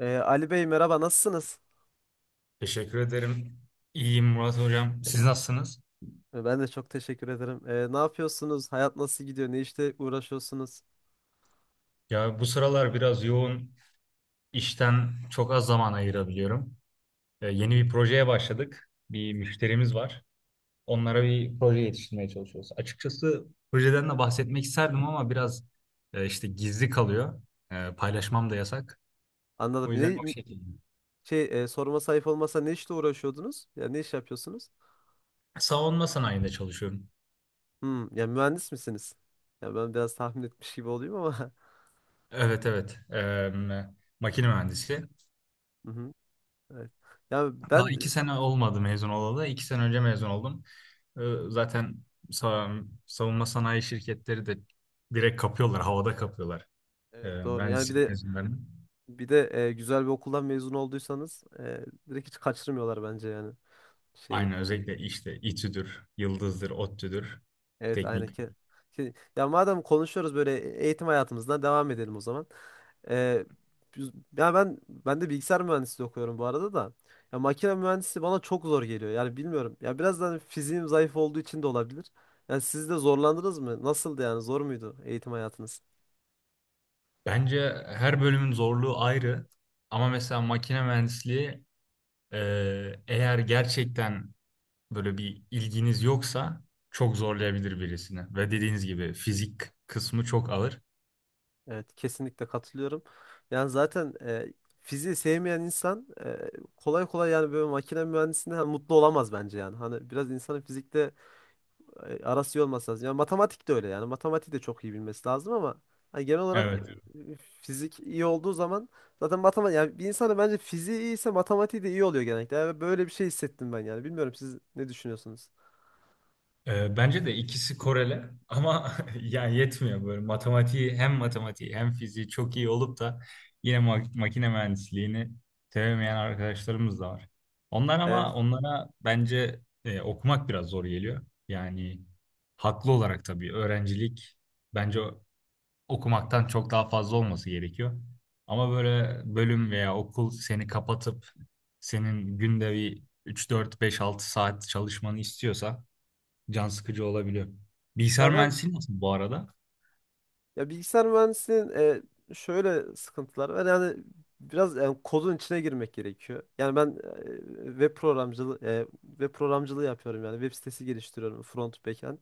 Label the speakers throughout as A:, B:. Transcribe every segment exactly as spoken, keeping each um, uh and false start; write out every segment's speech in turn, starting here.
A: Ee, Ali Bey merhaba, nasılsınız?
B: Teşekkür ederim. İyiyim Murat Hocam. Siz nasılsınız?
A: Ee, Ben de çok teşekkür ederim. Ee, ne yapıyorsunuz? Hayat nasıl gidiyor? Ne işle uğraşıyorsunuz?
B: Ya bu sıralar biraz yoğun. İşten çok az zaman ayırabiliyorum. Ee, yeni
A: Hı,
B: bir projeye başladık. Bir müşterimiz var.
A: hı.
B: Onlara bir proje yetiştirmeye çalışıyoruz. Açıkçası projeden de bahsetmek isterdim ama biraz e, işte gizli kalıyor. E, paylaşmam da yasak. O
A: Anladım.
B: yüzden
A: Ne
B: o şekilde.
A: şey e, sorma sayıp olmasa ne işle uğraşıyordunuz? Ya ne iş yapıyorsunuz?
B: Savunma sanayinde çalışıyorum.
A: Hmm, ya mühendis misiniz? Ya ben biraz tahmin etmiş gibi olayım ama.
B: Evet evet. Ee, makine mühendisi.
A: Hı hı, evet. Ya
B: Daha iki
A: ben
B: sene olmadı mezun olalı. İki sene önce mezun oldum. Ee, Zaten sa- savunma sanayi şirketleri de direkt kapıyorlar, havada kapıyorlar, ee,
A: evet, doğru. Yani bir
B: mühendislik
A: de
B: mezunlarını.
A: bir de e, güzel bir okuldan mezun olduysanız e, direkt hiç kaçırmıyorlar bence yani şeyi.
B: Aynı özellikle işte İTÜ'dür, Yıldız'dır, ODTÜ'dür,
A: Evet aynen.
B: teknik.
A: Ke- Ke- Ya madem konuşuyoruz böyle, eğitim hayatımızdan devam edelim o zaman. Ee, biz- ya ben ben de bilgisayar mühendisliği okuyorum bu arada da. Ya makine mühendisi bana çok zor geliyor. Yani bilmiyorum. Ya biraz da hani fiziğim zayıf olduğu için de olabilir. Yani siz de zorlandınız mı? Nasıldı yani? Zor muydu eğitim hayatınız?
B: Bence her bölümün zorluğu ayrı. Ama mesela makine mühendisliği, e, eğer gerçekten böyle bir ilginiz yoksa çok zorlayabilir birisini. Ve dediğiniz gibi fizik kısmı çok ağır.
A: Evet, kesinlikle katılıyorum. Yani zaten e, fiziği sevmeyen insan e, kolay kolay yani böyle makine mühendisliğinde hani mutlu olamaz bence yani. Hani biraz insanın fizikte e, arası iyi olması lazım. Yani matematik de öyle yani. Matematik de çok iyi bilmesi lazım ama hani genel olarak
B: Evet.
A: e, fizik iyi olduğu zaman zaten matematik yani bir insana bence fiziği iyiyse matematiği de iyi oluyor genellikle. Yani böyle bir şey hissettim ben yani. Bilmiyorum, siz ne düşünüyorsunuz?
B: Ee, Bence de ikisi korele ama yani yetmiyor böyle matematiği hem matematiği hem fiziği çok iyi olup da yine ma- makine mühendisliğini sevemeyen arkadaşlarımız da var. Onlar,
A: E,
B: ama onlara bence e, okumak biraz zor geliyor. Yani haklı olarak tabii öğrencilik bence o- okumaktan çok daha fazla olması gerekiyor. Ama böyle bölüm veya okul seni kapatıp senin günde bir üç dört beş altı saat çalışmanı istiyorsa can sıkıcı olabiliyor.
A: ya
B: Bilgisayar
A: ben
B: mühendisliği nasıl bu arada?
A: ya bilgisayar mühendisliğinin e, şöyle sıkıntıları var. Yani biraz yani kodun içine girmek gerekiyor. Yani ben e, web programcılığı e, web programcılığı yapıyorum yani. Web sitesi geliştiriyorum, front backend.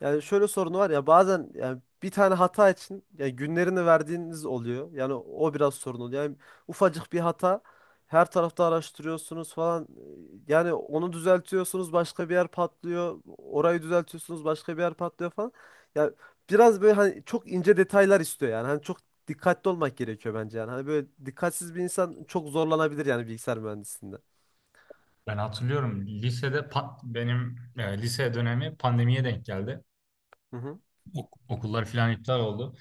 A: Yani şöyle sorunu var, ya bazen yani bir tane hata için yani günlerini verdiğiniz oluyor. Yani o biraz sorun oluyor. Yani ufacık bir hata her tarafta araştırıyorsunuz falan. e, Yani onu düzeltiyorsunuz başka bir yer patlıyor. Orayı düzeltiyorsunuz başka bir yer patlıyor falan. Ya biraz böyle hani çok ince detaylar istiyor yani. Hani çok dikkatli olmak gerekiyor bence yani. Hani böyle dikkatsiz bir insan çok zorlanabilir yani bilgisayar mühendisliğinde.
B: Ben hatırlıyorum lisede pa- benim e, lise dönemi pandemiye denk geldi.
A: Hı hı.
B: Ok- okullar falan iptal oldu.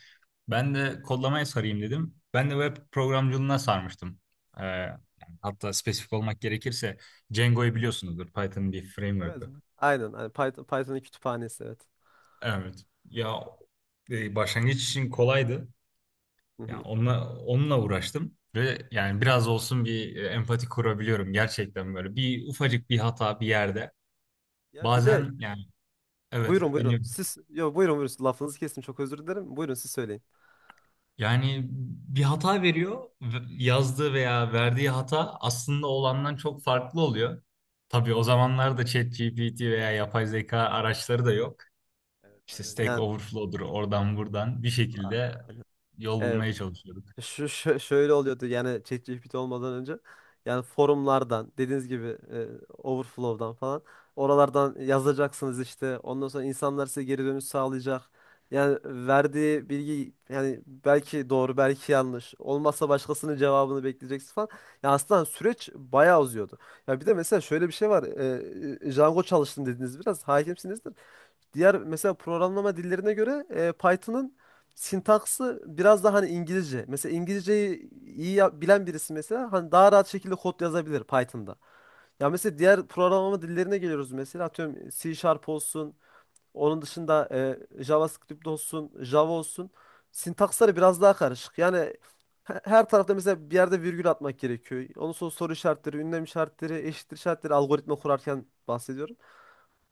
B: Ben de kodlamaya sarayım dedim. Ben de web programcılığına sarmıştım. Ee, yani hatta spesifik olmak gerekirse Django'yu biliyorsunuzdur. Python'ın bir
A: Evet.
B: framework'ı.
A: Aynen. Hani Python, Python'ın kütüphanesi, evet.
B: Evet. Ya, e, başlangıç için kolaydı.
A: Hı
B: Ya
A: hı.
B: onunla, onunla uğraştım ve yani biraz olsun bir e, empati kurabiliyorum gerçekten böyle. Bir ufacık bir hata bir yerde.
A: Ya bir de
B: Bazen yani, evet,
A: buyurun buyurun.
B: dinliyorum.
A: Siz, yo, buyurun buyurun. Lafınızı kestim, çok özür dilerim. Buyurun siz söyleyin.
B: Yani bir hata veriyor ve- yazdığı veya verdiği hata aslında olandan çok farklı oluyor. Tabii o zamanlarda ChatGPT veya yapay zeka araçları da yok.
A: Evet
B: İşte
A: aynen.
B: Stack
A: Yani
B: Overflow'dur, oradan buradan bir
A: a-
B: şekilde
A: aynen.
B: yol
A: Ee,
B: bulmaya çalışıyorduk.
A: Şu, şö- şöyle oluyordu yani, ChatGPT olmadan önce yani forumlardan dediğiniz gibi e, Overflow'dan falan oralardan yazacaksınız işte, ondan sonra insanlar size geri dönüş sağlayacak. Yani verdiği bilgi yani belki doğru belki yanlış olmazsa başkasının cevabını bekleyeceksin falan. Ya aslında süreç bayağı uzuyordu. Ya bir de mesela şöyle bir şey var. E, e, Django çalıştım dediniz, biraz hakimsinizdir. Diğer mesela programlama dillerine göre e, Python'ın sintaksı biraz daha hani İngilizce. Mesela İngilizceyi iyi ya- bilen birisi mesela hani daha rahat şekilde kod yazabilir Python'da. Ya mesela diğer programlama dillerine geliyoruz, mesela atıyorum C Sharp olsun, onun dışında e, JavaScript olsun, Java olsun. Sintaksları biraz daha karışık. Yani he- her tarafta mesela bir yerde virgül atmak gerekiyor. Onun sonra soru işaretleri, ünlem işaretleri, eşittir işaretleri, algoritma kurarken bahsediyorum.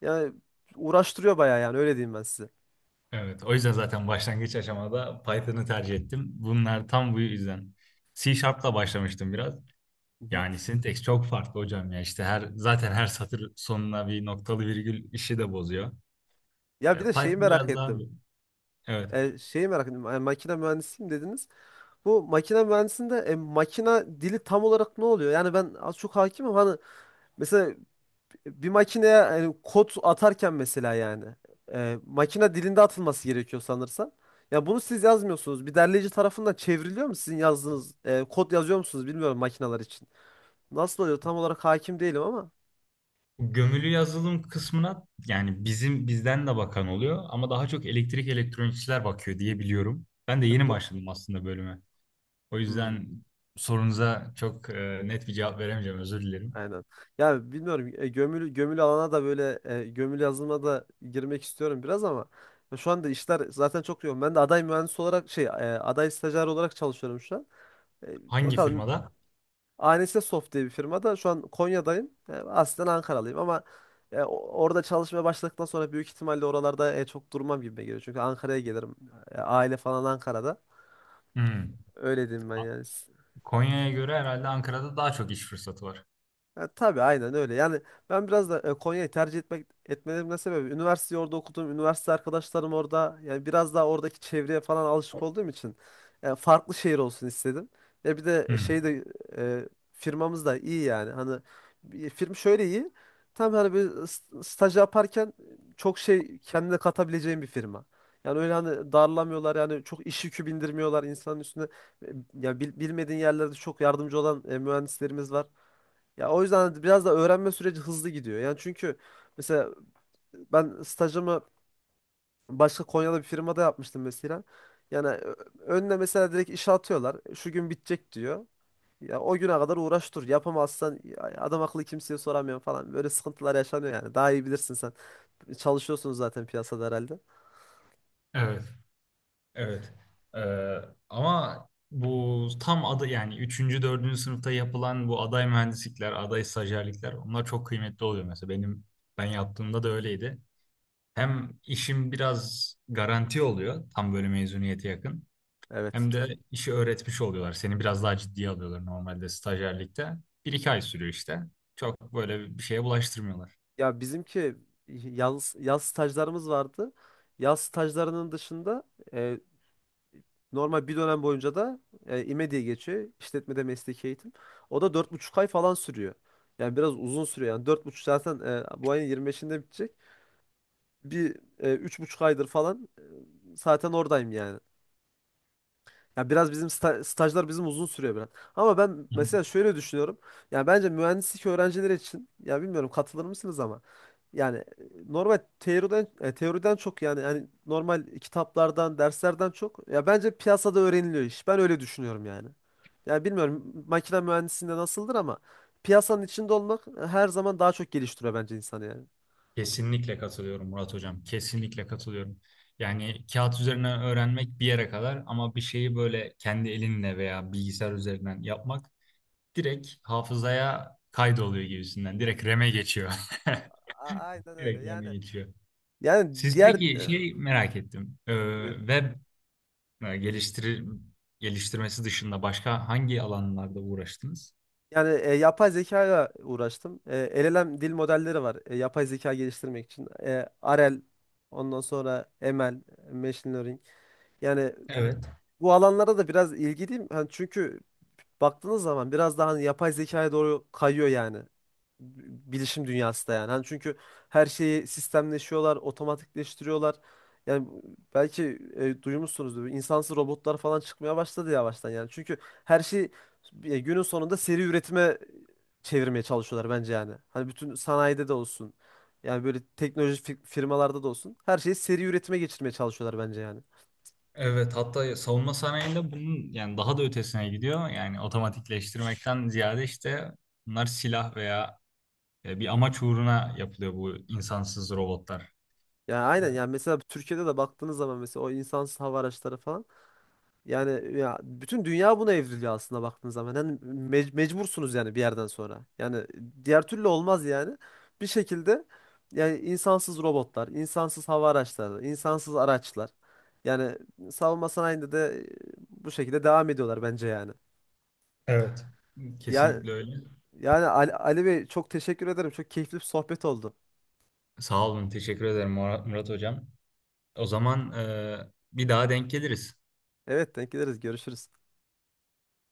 A: Yani uğraştırıyor bayağı, yani öyle diyeyim ben size.
B: Evet, o yüzden zaten başlangıç aşamada Python'ı tercih ettim. Bunlar tam bu yüzden. C Sharp'la başlamıştım biraz.
A: Hı hı.
B: Yani syntax çok farklı hocam ya. İşte her zaten her satır sonuna bir noktalı virgül işi de bozuyor.
A: Ya bir
B: E,
A: de şeyi
B: Python
A: merak
B: biraz daha
A: ettim.
B: evet.
A: E, şeyi merak ettim. E, makine mühendisiyim dediniz. Bu makine mühendisinde e, makine dili tam olarak ne oluyor? Yani ben az çok hakimim. Hani mesela bir makineye yani kod atarken mesela yani e, makine dilinde atılması gerekiyor sanırsam. Ya bunu siz yazmıyorsunuz. Bir derleyici tarafından çevriliyor mu, sizin yazdığınız e, kod yazıyor musunuz bilmiyorum makineler için. Nasıl oluyor? Tam olarak hakim değilim ama.
B: Gömülü yazılım kısmına yani bizim bizden de bakan oluyor ama daha çok elektrik elektronikçiler bakıyor diye biliyorum. Ben de
A: E,
B: yeni
A: do-
B: başladım aslında bölüme. O
A: Hmm.
B: yüzden sorunuza çok e, net bir cevap veremeyeceğim, özür dilerim.
A: Aynen. Ya bilmiyorum e, gömülü gömülü alana da, böyle e, gömülü yazılıma da girmek istiyorum biraz ama ya şu anda işler zaten çok yoğun. Ben de aday mühendis olarak şey e, aday stajyer olarak çalışıyorum şu an. E,
B: Hangi
A: bakalım,
B: firmada?
A: A N S Soft diye bir firmada şu an Konya'dayım. E, aslen Ankaralıyım ama e, o- orada çalışmaya başladıktan sonra büyük ihtimalle oralarda e, çok durmam gibi geliyor. Çünkü Ankara'ya gelirim. E, aile falan Ankara'da.
B: Hmm.
A: Öyle diyeyim ben yani.
B: Konya'ya göre herhalde Ankara'da daha çok iş fırsatı var.
A: Ya, tabii aynen öyle. Yani ben biraz da e, Konya'yı tercih etmek etmelerimin de sebebi, üniversiteyi orada okudum. Üniversite arkadaşlarım orada. Yani biraz daha oradaki çevreye falan alışık olduğum için yani farklı şehir olsun istedim. Ya bir de
B: Hı.
A: şey de e, firmamız da iyi yani. Hani bir firma şöyle iyi. Tam hani bir s- staj yaparken çok şey kendine katabileceğin bir firma. Yani öyle hani darlamıyorlar yani, çok iş yükü bindirmiyorlar insanın üstüne. E, Ya bil- bilmediğin yerlerde çok yardımcı olan e, mühendislerimiz var. Ya o yüzden biraz da öğrenme süreci hızlı gidiyor. Yani çünkü mesela ben stajımı başka Konya'da bir firmada yapmıştım mesela. Yani ö- önüne mesela direkt işe atıyorlar. Şu gün bitecek diyor. Ya o güne kadar uğraş dur. Yapamazsan ya adam akıllı kimseye soramıyorum falan. Böyle sıkıntılar yaşanıyor yani. Daha iyi bilirsin sen. Çalışıyorsunuz zaten piyasada herhalde.
B: Evet, evet. Ee, Ama bu tam adı yani üçüncü dördüncü sınıfta yapılan bu aday mühendislikler, aday stajyerlikler onlar çok kıymetli oluyor. Mesela benim ben yaptığımda da öyleydi. Hem işim biraz garanti oluyor tam böyle mezuniyete yakın.
A: Evet.
B: Hem de işi öğretmiş oluyorlar. Seni biraz daha ciddiye alıyorlar normalde stajyerlikte. Bir iki ay sürüyor işte. Çok böyle bir şeye bulaştırmıyorlar.
A: Ya bizimki yaz, yaz stajlarımız vardı. Yaz stajlarının dışında e, normal bir dönem boyunca da e, İME diye geçiyor. İşletmede mesleki eğitim. O da dört buçuk ay falan sürüyor. Yani biraz uzun sürüyor. Yani dört buçuk zaten e, bu ayın yirmi beşinde bitecek. Bir e, üç buçuk aydır falan e, zaten oradayım yani. Ya biraz bizim sta- stajlar bizim uzun sürüyor biraz. Ama ben mesela şöyle düşünüyorum. Ya bence mühendislik öğrencileri için, ya bilmiyorum katılır mısınız ama yani e, normal teoriden e, teoriden çok yani yani normal kitaplardan, derslerden çok ya bence piyasada öğreniliyor iş. Ben öyle düşünüyorum yani. Ya bilmiyorum makine mühendisliğinde nasıldır ama piyasanın içinde olmak e, her zaman daha çok geliştiriyor bence insanı yani.
B: Kesinlikle katılıyorum Murat Hocam. Kesinlikle katılıyorum. Yani kağıt üzerine öğrenmek bir yere kadar ama bir şeyi böyle kendi elinle veya bilgisayar üzerinden yapmak direkt hafızaya kaydoluyor gibisinden. Direkt R A M'e geçiyor.
A: A- aynen öyle.
B: Direkt
A: Yani
B: R A M'e geçiyor.
A: yani
B: Siz
A: diğer
B: peki
A: e,
B: şey merak ettim. Ee,
A: buyurun.
B: web e, geliştir geliştirmesi dışında başka hangi alanlarda uğraştınız?
A: Yani e, yapay zekayla uğraştım. E, L L M dil modelleri var. E, yapay zeka geliştirmek için. E, R L, ondan sonra M L, Machine Learning. Yani
B: Evet.
A: bu alanlara da biraz ilgiliyim. Hani çünkü baktığınız zaman biraz daha hani yapay zekaya doğru kayıyor yani. Bilişim dünyası da yani. Hani çünkü her şeyi sistemleşiyorlar, otomatikleştiriyorlar. Yani belki e, duymuşsunuzdur. İnsansız robotlar falan çıkmaya başladı yavaştan yani. Çünkü her şey e, günün sonunda seri üretime çevirmeye çalışıyorlar bence yani. Hani bütün sanayide de olsun. Yani böyle teknoloji fi- firmalarda da olsun. Her şeyi seri üretime geçirmeye çalışıyorlar bence yani.
B: Evet, hatta savunma sanayinde bunun yani daha da ötesine gidiyor. Yani otomatikleştirmekten ziyade işte bunlar silah veya e, bir amaç uğruna yapılıyor bu insansız robotlar.
A: Yani
B: E,
A: aynen yani mesela Türkiye'de de baktığınız zaman mesela o insansız hava araçları falan yani ya bütün dünya buna evriliyor aslında baktığınız zaman. Yani mec- mecbursunuz yani bir yerden sonra. Yani diğer türlü olmaz yani. Bir şekilde yani insansız robotlar, insansız hava araçları, insansız araçlar. Yani savunma sanayinde de e, bu şekilde devam ediyorlar bence yani.
B: Evet. E,
A: Ya
B: Kesinlikle öyle.
A: yani Ali, Ali Bey çok teşekkür ederim. Çok keyifli bir sohbet oldu.
B: Sağ olun, teşekkür ederim Murat, Murat Hocam. O zaman, e, bir daha denk geliriz.
A: Evet, denk geliriz. Görüşürüz.